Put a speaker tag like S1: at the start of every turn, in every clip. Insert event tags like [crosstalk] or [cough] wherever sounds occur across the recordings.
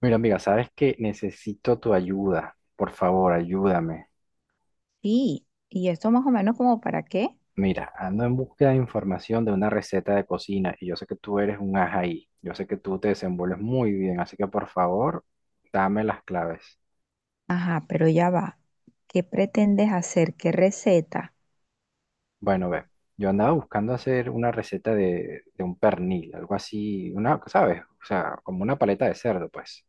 S1: Mira, amiga, sabes que necesito tu ayuda. Por favor, ayúdame.
S2: Sí, y esto más o menos como para qué.
S1: Mira, ando en búsqueda de información de una receta de cocina y yo sé que tú eres un as ahí. Yo sé que tú te desenvuelves muy bien, así que por favor, dame las claves.
S2: Ajá, pero ya va. ¿Qué pretendes hacer? ¿Qué receta?
S1: Bueno, ve, yo andaba buscando hacer una receta de un pernil, algo así, una, ¿sabes? O sea, como una paleta de cerdo, pues.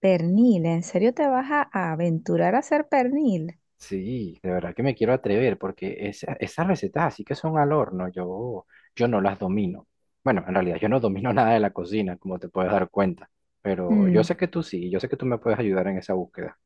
S2: Pernil, ¿en serio te vas a aventurar a hacer pernil?
S1: Sí, de verdad que me quiero atrever porque esas recetas así que son al horno, yo no las domino. Bueno, en realidad yo no domino [laughs] nada de la cocina, como te puedes dar cuenta, pero yo
S2: Mm,
S1: sé que tú sí, yo sé que tú me puedes ayudar en esa búsqueda.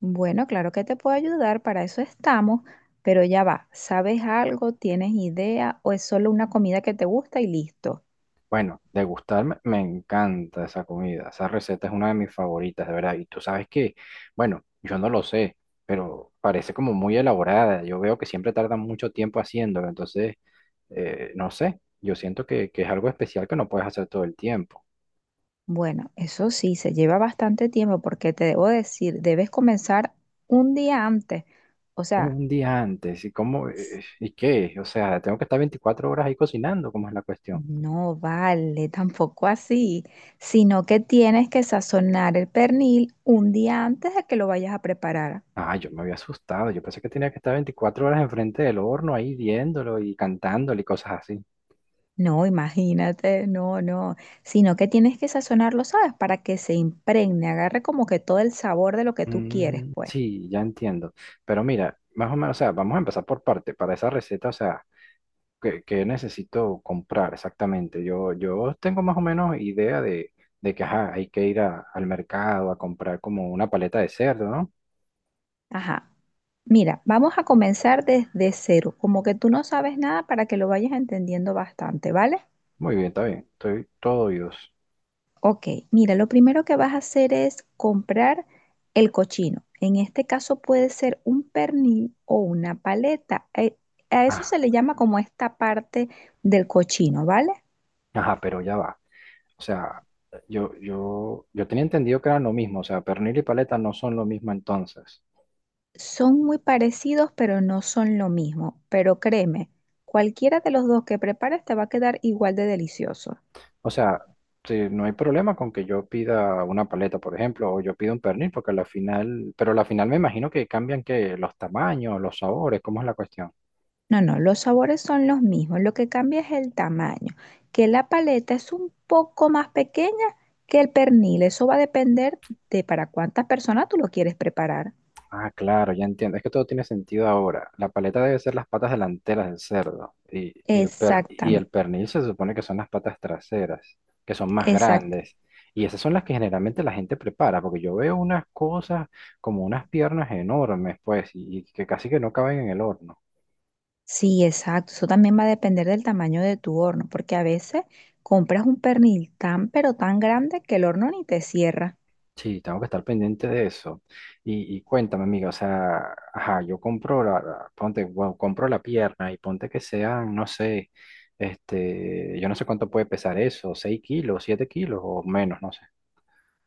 S2: bueno, claro que te puedo ayudar, para eso estamos, pero ya va. ¿Sabes algo? ¿Tienes idea? ¿O es solo una comida que te gusta y listo?
S1: Bueno, degustarme, me encanta esa comida, esa receta es una de mis favoritas, de verdad. Y tú sabes que, bueno, yo no lo sé, pero parece como muy elaborada. Yo veo que siempre tardan mucho tiempo haciéndolo, entonces, no sé, yo siento que, es algo especial que no puedes hacer todo el tiempo.
S2: Bueno, eso sí, se lleva bastante tiempo porque te debo decir, debes comenzar un día antes. O sea,
S1: Un día antes, ¿y cómo? ¿Y qué? O sea, tengo que estar 24 horas ahí cocinando, ¿cómo es la cuestión?
S2: no vale, [laughs] tampoco así, sino que tienes que sazonar el pernil un día antes de que lo vayas a preparar.
S1: Ah, yo me había asustado, yo pensé que tenía que estar 24 horas enfrente del horno ahí viéndolo y cantándolo y cosas así.
S2: No, imagínate, no, no, sino que tienes que sazonarlo, ¿sabes? Para que se impregne, agarre como que todo el sabor de lo que tú quieres,
S1: Mm,
S2: pues.
S1: sí, ya entiendo. Pero mira, más o menos, o sea, vamos a empezar por parte, para esa receta, o sea, ¿qué, qué necesito comprar exactamente? Yo tengo más o menos idea de que, ajá, hay que ir al mercado a comprar como una paleta de cerdo, ¿no?
S2: Ajá. Mira, vamos a comenzar desde cero, como que tú no sabes nada para que lo vayas entendiendo bastante, ¿vale?
S1: Muy bien, está bien, estoy todo oídos.
S2: Ok, mira, lo primero que vas a hacer es comprar el cochino. En este caso puede ser un pernil o una paleta. A eso
S1: Ah,
S2: se le llama como esta parte del cochino, ¿vale?
S1: ajá, pero ya va. O sea, yo tenía entendido que eran lo mismo. O sea, pernil y paleta no son lo mismo entonces.
S2: Son muy parecidos, pero no son lo mismo. Pero créeme, cualquiera de los dos que prepares te va a quedar igual de delicioso.
S1: O sea, sí, no hay problema con que yo pida una paleta, por ejemplo, o yo pido un pernil, porque a la final, pero a la final me imagino que cambian que los tamaños, los sabores, ¿cómo es la cuestión?
S2: No, no, los sabores son los mismos, lo que cambia es el tamaño, que la paleta es un poco más pequeña que el pernil, eso va a depender de para cuántas personas tú lo quieres preparar.
S1: Ah, claro, ya entiendo. Es que todo tiene sentido ahora. La paleta debe ser las patas delanteras del cerdo y el per- y el
S2: Exactamente,
S1: pernil se supone que son las patas traseras, que son más
S2: exacto.
S1: grandes. Y esas son las que generalmente la gente prepara, porque yo veo unas cosas como unas piernas enormes, pues, y que casi que no caben en el horno.
S2: Sí, exacto. Eso también va a depender del tamaño de tu horno, porque a veces compras un pernil tan pero tan grande que el horno ni te cierra.
S1: Sí, tengo que estar pendiente de eso. Y cuéntame, amiga, o sea, ajá, yo compro la, ponte, bueno, compro la pierna y ponte que sean, no sé, yo no sé cuánto puede pesar eso, 6 kilos, 7 kilos o menos, no sé.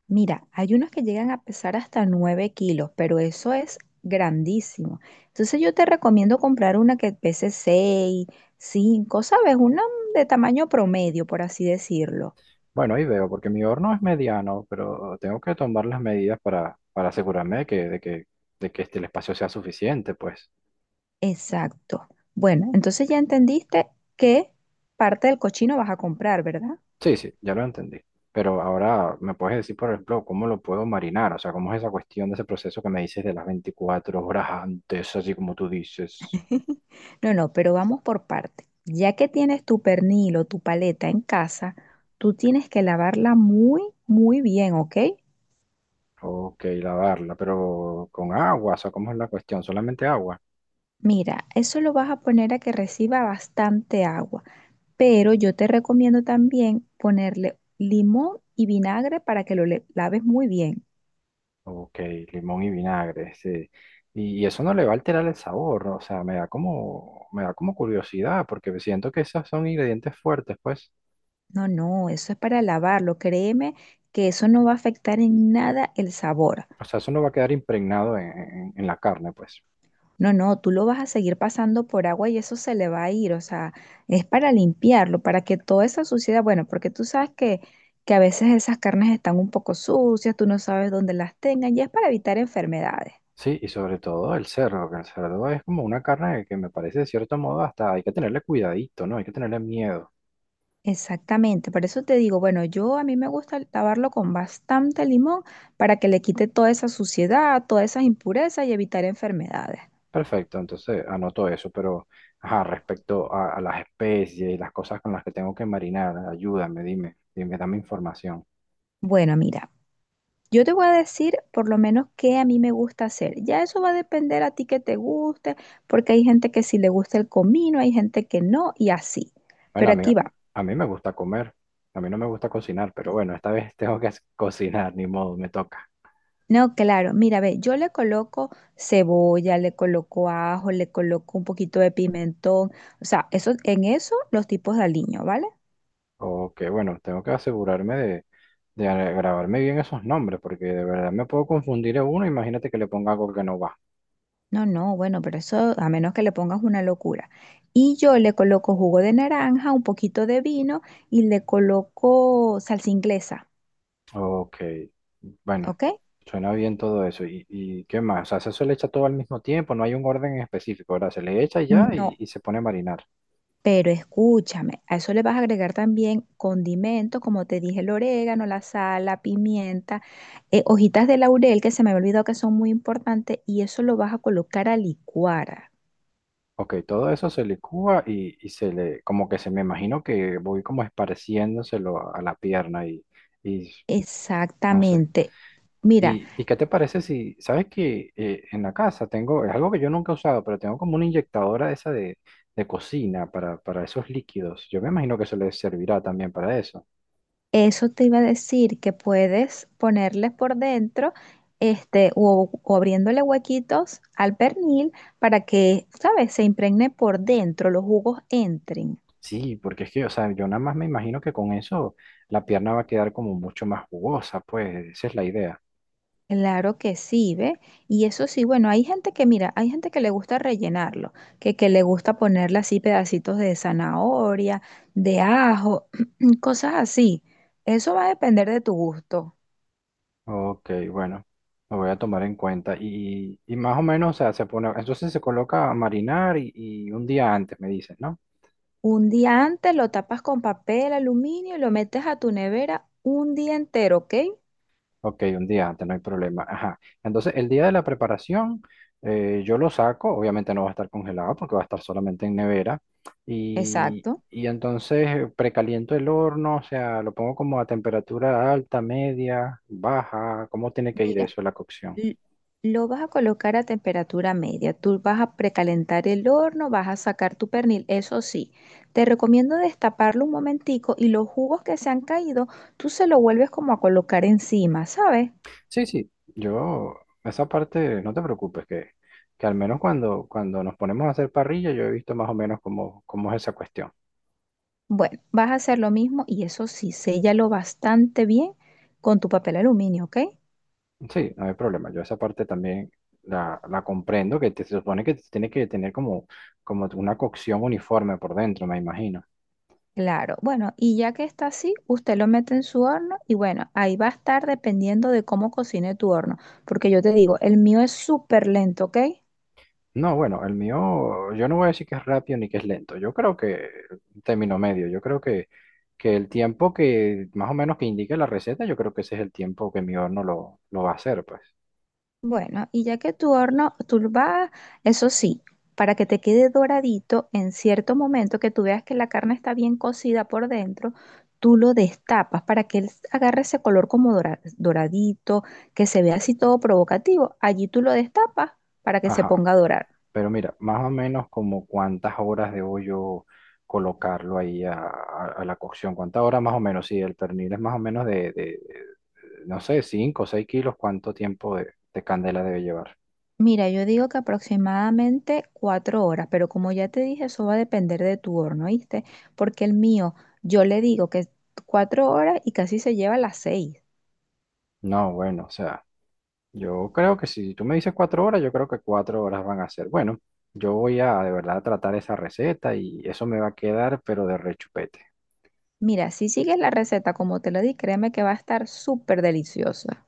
S2: Mira, hay unos que llegan a pesar hasta 9 kilos, pero eso es grandísimo. Entonces yo te recomiendo comprar una que pese 6, 5, ¿sabes? Una de tamaño promedio, por así decirlo.
S1: Bueno, ahí veo, porque mi horno es mediano, pero tengo que tomar las medidas para, asegurarme de que el espacio sea suficiente, pues.
S2: Exacto. Bueno, entonces ya entendiste qué parte del cochino vas a comprar, ¿verdad?
S1: Sí, sí, ya lo entendí. Pero ahora, ¿me puedes decir, por ejemplo, cómo lo puedo marinar? O sea, ¿cómo es esa cuestión de ese proceso que me dices de las 24 horas antes, así como tú dices?
S2: No, no, pero vamos por parte. Ya que tienes tu pernil o tu paleta en casa, tú tienes que lavarla muy, muy bien, ¿ok?
S1: Ok, lavarla, pero con agua, o sea, ¿cómo es la cuestión? ¿Solamente agua?
S2: Mira, eso lo vas a poner a que reciba bastante agua, pero yo te recomiendo también ponerle limón y vinagre para que lo laves muy bien.
S1: Ok, limón y vinagre, sí. Y eso no le va a alterar el sabor, ¿no? O sea, me da como curiosidad, porque siento que esos son ingredientes fuertes, pues.
S2: No, no, eso es para lavarlo, créeme que eso no va a afectar en nada el sabor.
S1: O sea, eso no va a quedar impregnado en, en la carne, pues.
S2: No, no, tú lo vas a seguir pasando por agua y eso se le va a ir, o sea, es para limpiarlo, para que toda esa suciedad, bueno, porque tú sabes que a veces esas carnes están un poco sucias, tú no sabes dónde las tengan y es para evitar enfermedades.
S1: Sí, y sobre todo el cerdo, que el cerdo es como una carne que me parece de cierto modo hasta hay que tenerle cuidadito, ¿no? Hay que tenerle miedo.
S2: Exactamente, por eso te digo, bueno, yo a mí me gusta lavarlo con bastante limón para que le quite toda esa suciedad, todas esas impurezas y evitar enfermedades.
S1: Perfecto, entonces anoto eso, pero ajá, respecto a las especies y las cosas con las que tengo que marinar, ayúdame, dime, dime, dame información.
S2: Bueno, mira, yo te voy a decir por lo menos qué a mí me gusta hacer. Ya eso va a depender a ti que te guste, porque hay gente que sí le gusta el comino, hay gente que no y así.
S1: Bueno,
S2: Pero
S1: a mí,
S2: aquí va.
S1: a mí me gusta comer, a mí no me gusta cocinar, pero bueno, esta vez [laughs] tengo que cocinar, ni modo, me toca.
S2: No, claro, mira, ve, yo le coloco cebolla, le coloco ajo, le coloco un poquito de pimentón, o sea, eso, en eso los tipos de aliño, ¿vale?
S1: O que bueno, tengo que asegurarme de, grabarme bien esos nombres, porque de verdad me puedo confundir a uno, imagínate que le ponga algo que no va.
S2: No, no, bueno, pero eso a menos que le pongas una locura. Y yo le coloco jugo de naranja, un poquito de vino y le coloco salsa inglesa,
S1: Ok, bueno,
S2: ¿ok?
S1: suena bien todo eso. Y qué más? O sea, eso se le echa todo al mismo tiempo, no hay un orden en específico, ¿verdad? Se le echa y ya y,
S2: No,
S1: y se pone a marinar.
S2: pero escúchame, a eso le vas a agregar también condimentos, como te dije, el orégano, la sal, la pimienta, hojitas de laurel que se me había olvidado que son muy importantes y eso lo vas a colocar a licuar.
S1: Ok, todo eso se licúa y, se le, como que se me imagino que voy como esparciéndoselo a la pierna y no sé.
S2: Exactamente. Mira,
S1: ¿Y qué te parece si, sabes que en la casa tengo, es algo que yo nunca he usado, pero tengo como una inyectadora esa de, cocina para esos líquidos. Yo me imagino que eso le servirá también para eso.
S2: eso te iba a decir que puedes ponerles por dentro, este, o abriéndole huequitos al pernil para que, ¿sabes?, se impregne por dentro, los jugos entren.
S1: Sí, porque es que, o sea, yo nada más me imagino que con eso la pierna va a quedar como mucho más jugosa, pues esa es la idea.
S2: Claro que sí, ¿ve? Y eso sí, bueno, hay gente que, mira, hay gente que le gusta rellenarlo, que le gusta ponerle así pedacitos de zanahoria, de ajo, [clears throat] cosas así. Eso va a depender de tu gusto.
S1: Ok, bueno, lo voy a tomar en cuenta. Y más o menos, o sea, se pone, entonces se coloca a marinar y un día antes, me dices, ¿no?
S2: Un día antes lo tapas con papel aluminio y lo metes a tu nevera un día entero, ¿ok?
S1: Ok, un día antes, no hay problema. Ajá. Entonces, el día de la preparación, yo lo saco, obviamente no va a estar congelado porque va a estar solamente en nevera. Y,
S2: Exacto.
S1: y entonces precaliento el horno, o sea, lo pongo como a temperatura alta, media, baja. ¿Cómo tiene que ir
S2: Mira,
S1: eso, la cocción?
S2: l- lo vas a colocar a temperatura media. Tú vas a precalentar el horno, vas a sacar tu pernil. Eso sí, te recomiendo destaparlo un momentico y los jugos que se han caído, tú se lo vuelves como a colocar encima, ¿sabes?
S1: Sí, sí, esa parte, no te preocupes, que, al menos cuando nos ponemos a hacer parrilla, yo he visto más o menos cómo, es esa cuestión.
S2: Bueno, vas a hacer lo mismo y eso sí, séllalo bastante bien con tu papel aluminio, ¿ok?
S1: Sí, no hay problema. Yo esa parte también la, comprendo, se supone que tiene que tener como una cocción uniforme por dentro, me imagino.
S2: Claro, bueno, y ya que está así, usted lo mete en su horno y bueno, ahí va a estar dependiendo de cómo cocine tu horno, porque yo te digo, el mío es súper lento, ¿ok?
S1: No, bueno, el mío, yo no voy a decir que es rápido ni que es lento. Yo creo que término medio. Yo creo que, el tiempo que más o menos que indique la receta, yo creo que ese es el tiempo que mi horno lo va a hacer, pues.
S2: Bueno, y ya que tu horno, tú lo vas, eso sí, para que te quede doradito en cierto momento, que tú veas que la carne está bien cocida por dentro, tú lo destapas para que él agarre ese color como doradito, que se vea así todo provocativo. Allí tú lo destapas para que se
S1: Ajá.
S2: ponga a dorar.
S1: Pero mira, más o menos como cuántas horas debo yo colocarlo ahí a, a la cocción, cuántas horas más o menos, si el pernil es más o menos de, no sé, 5 o 6 kilos, ¿cuánto tiempo de candela debe llevar?
S2: Mira, yo digo que aproximadamente 4 horas, pero como ya te dije, eso va a depender de tu horno, ¿viste? Porque el mío, yo le digo que 4 horas y casi se lleva las 6.
S1: No, bueno, o sea, yo creo que si tú me dices 4 horas, yo creo que 4 horas van a ser. Bueno, yo voy a de verdad tratar esa receta y eso me va a quedar, pero de rechupete.
S2: Mira, si sigues la receta como te lo di, créeme que va a estar súper deliciosa.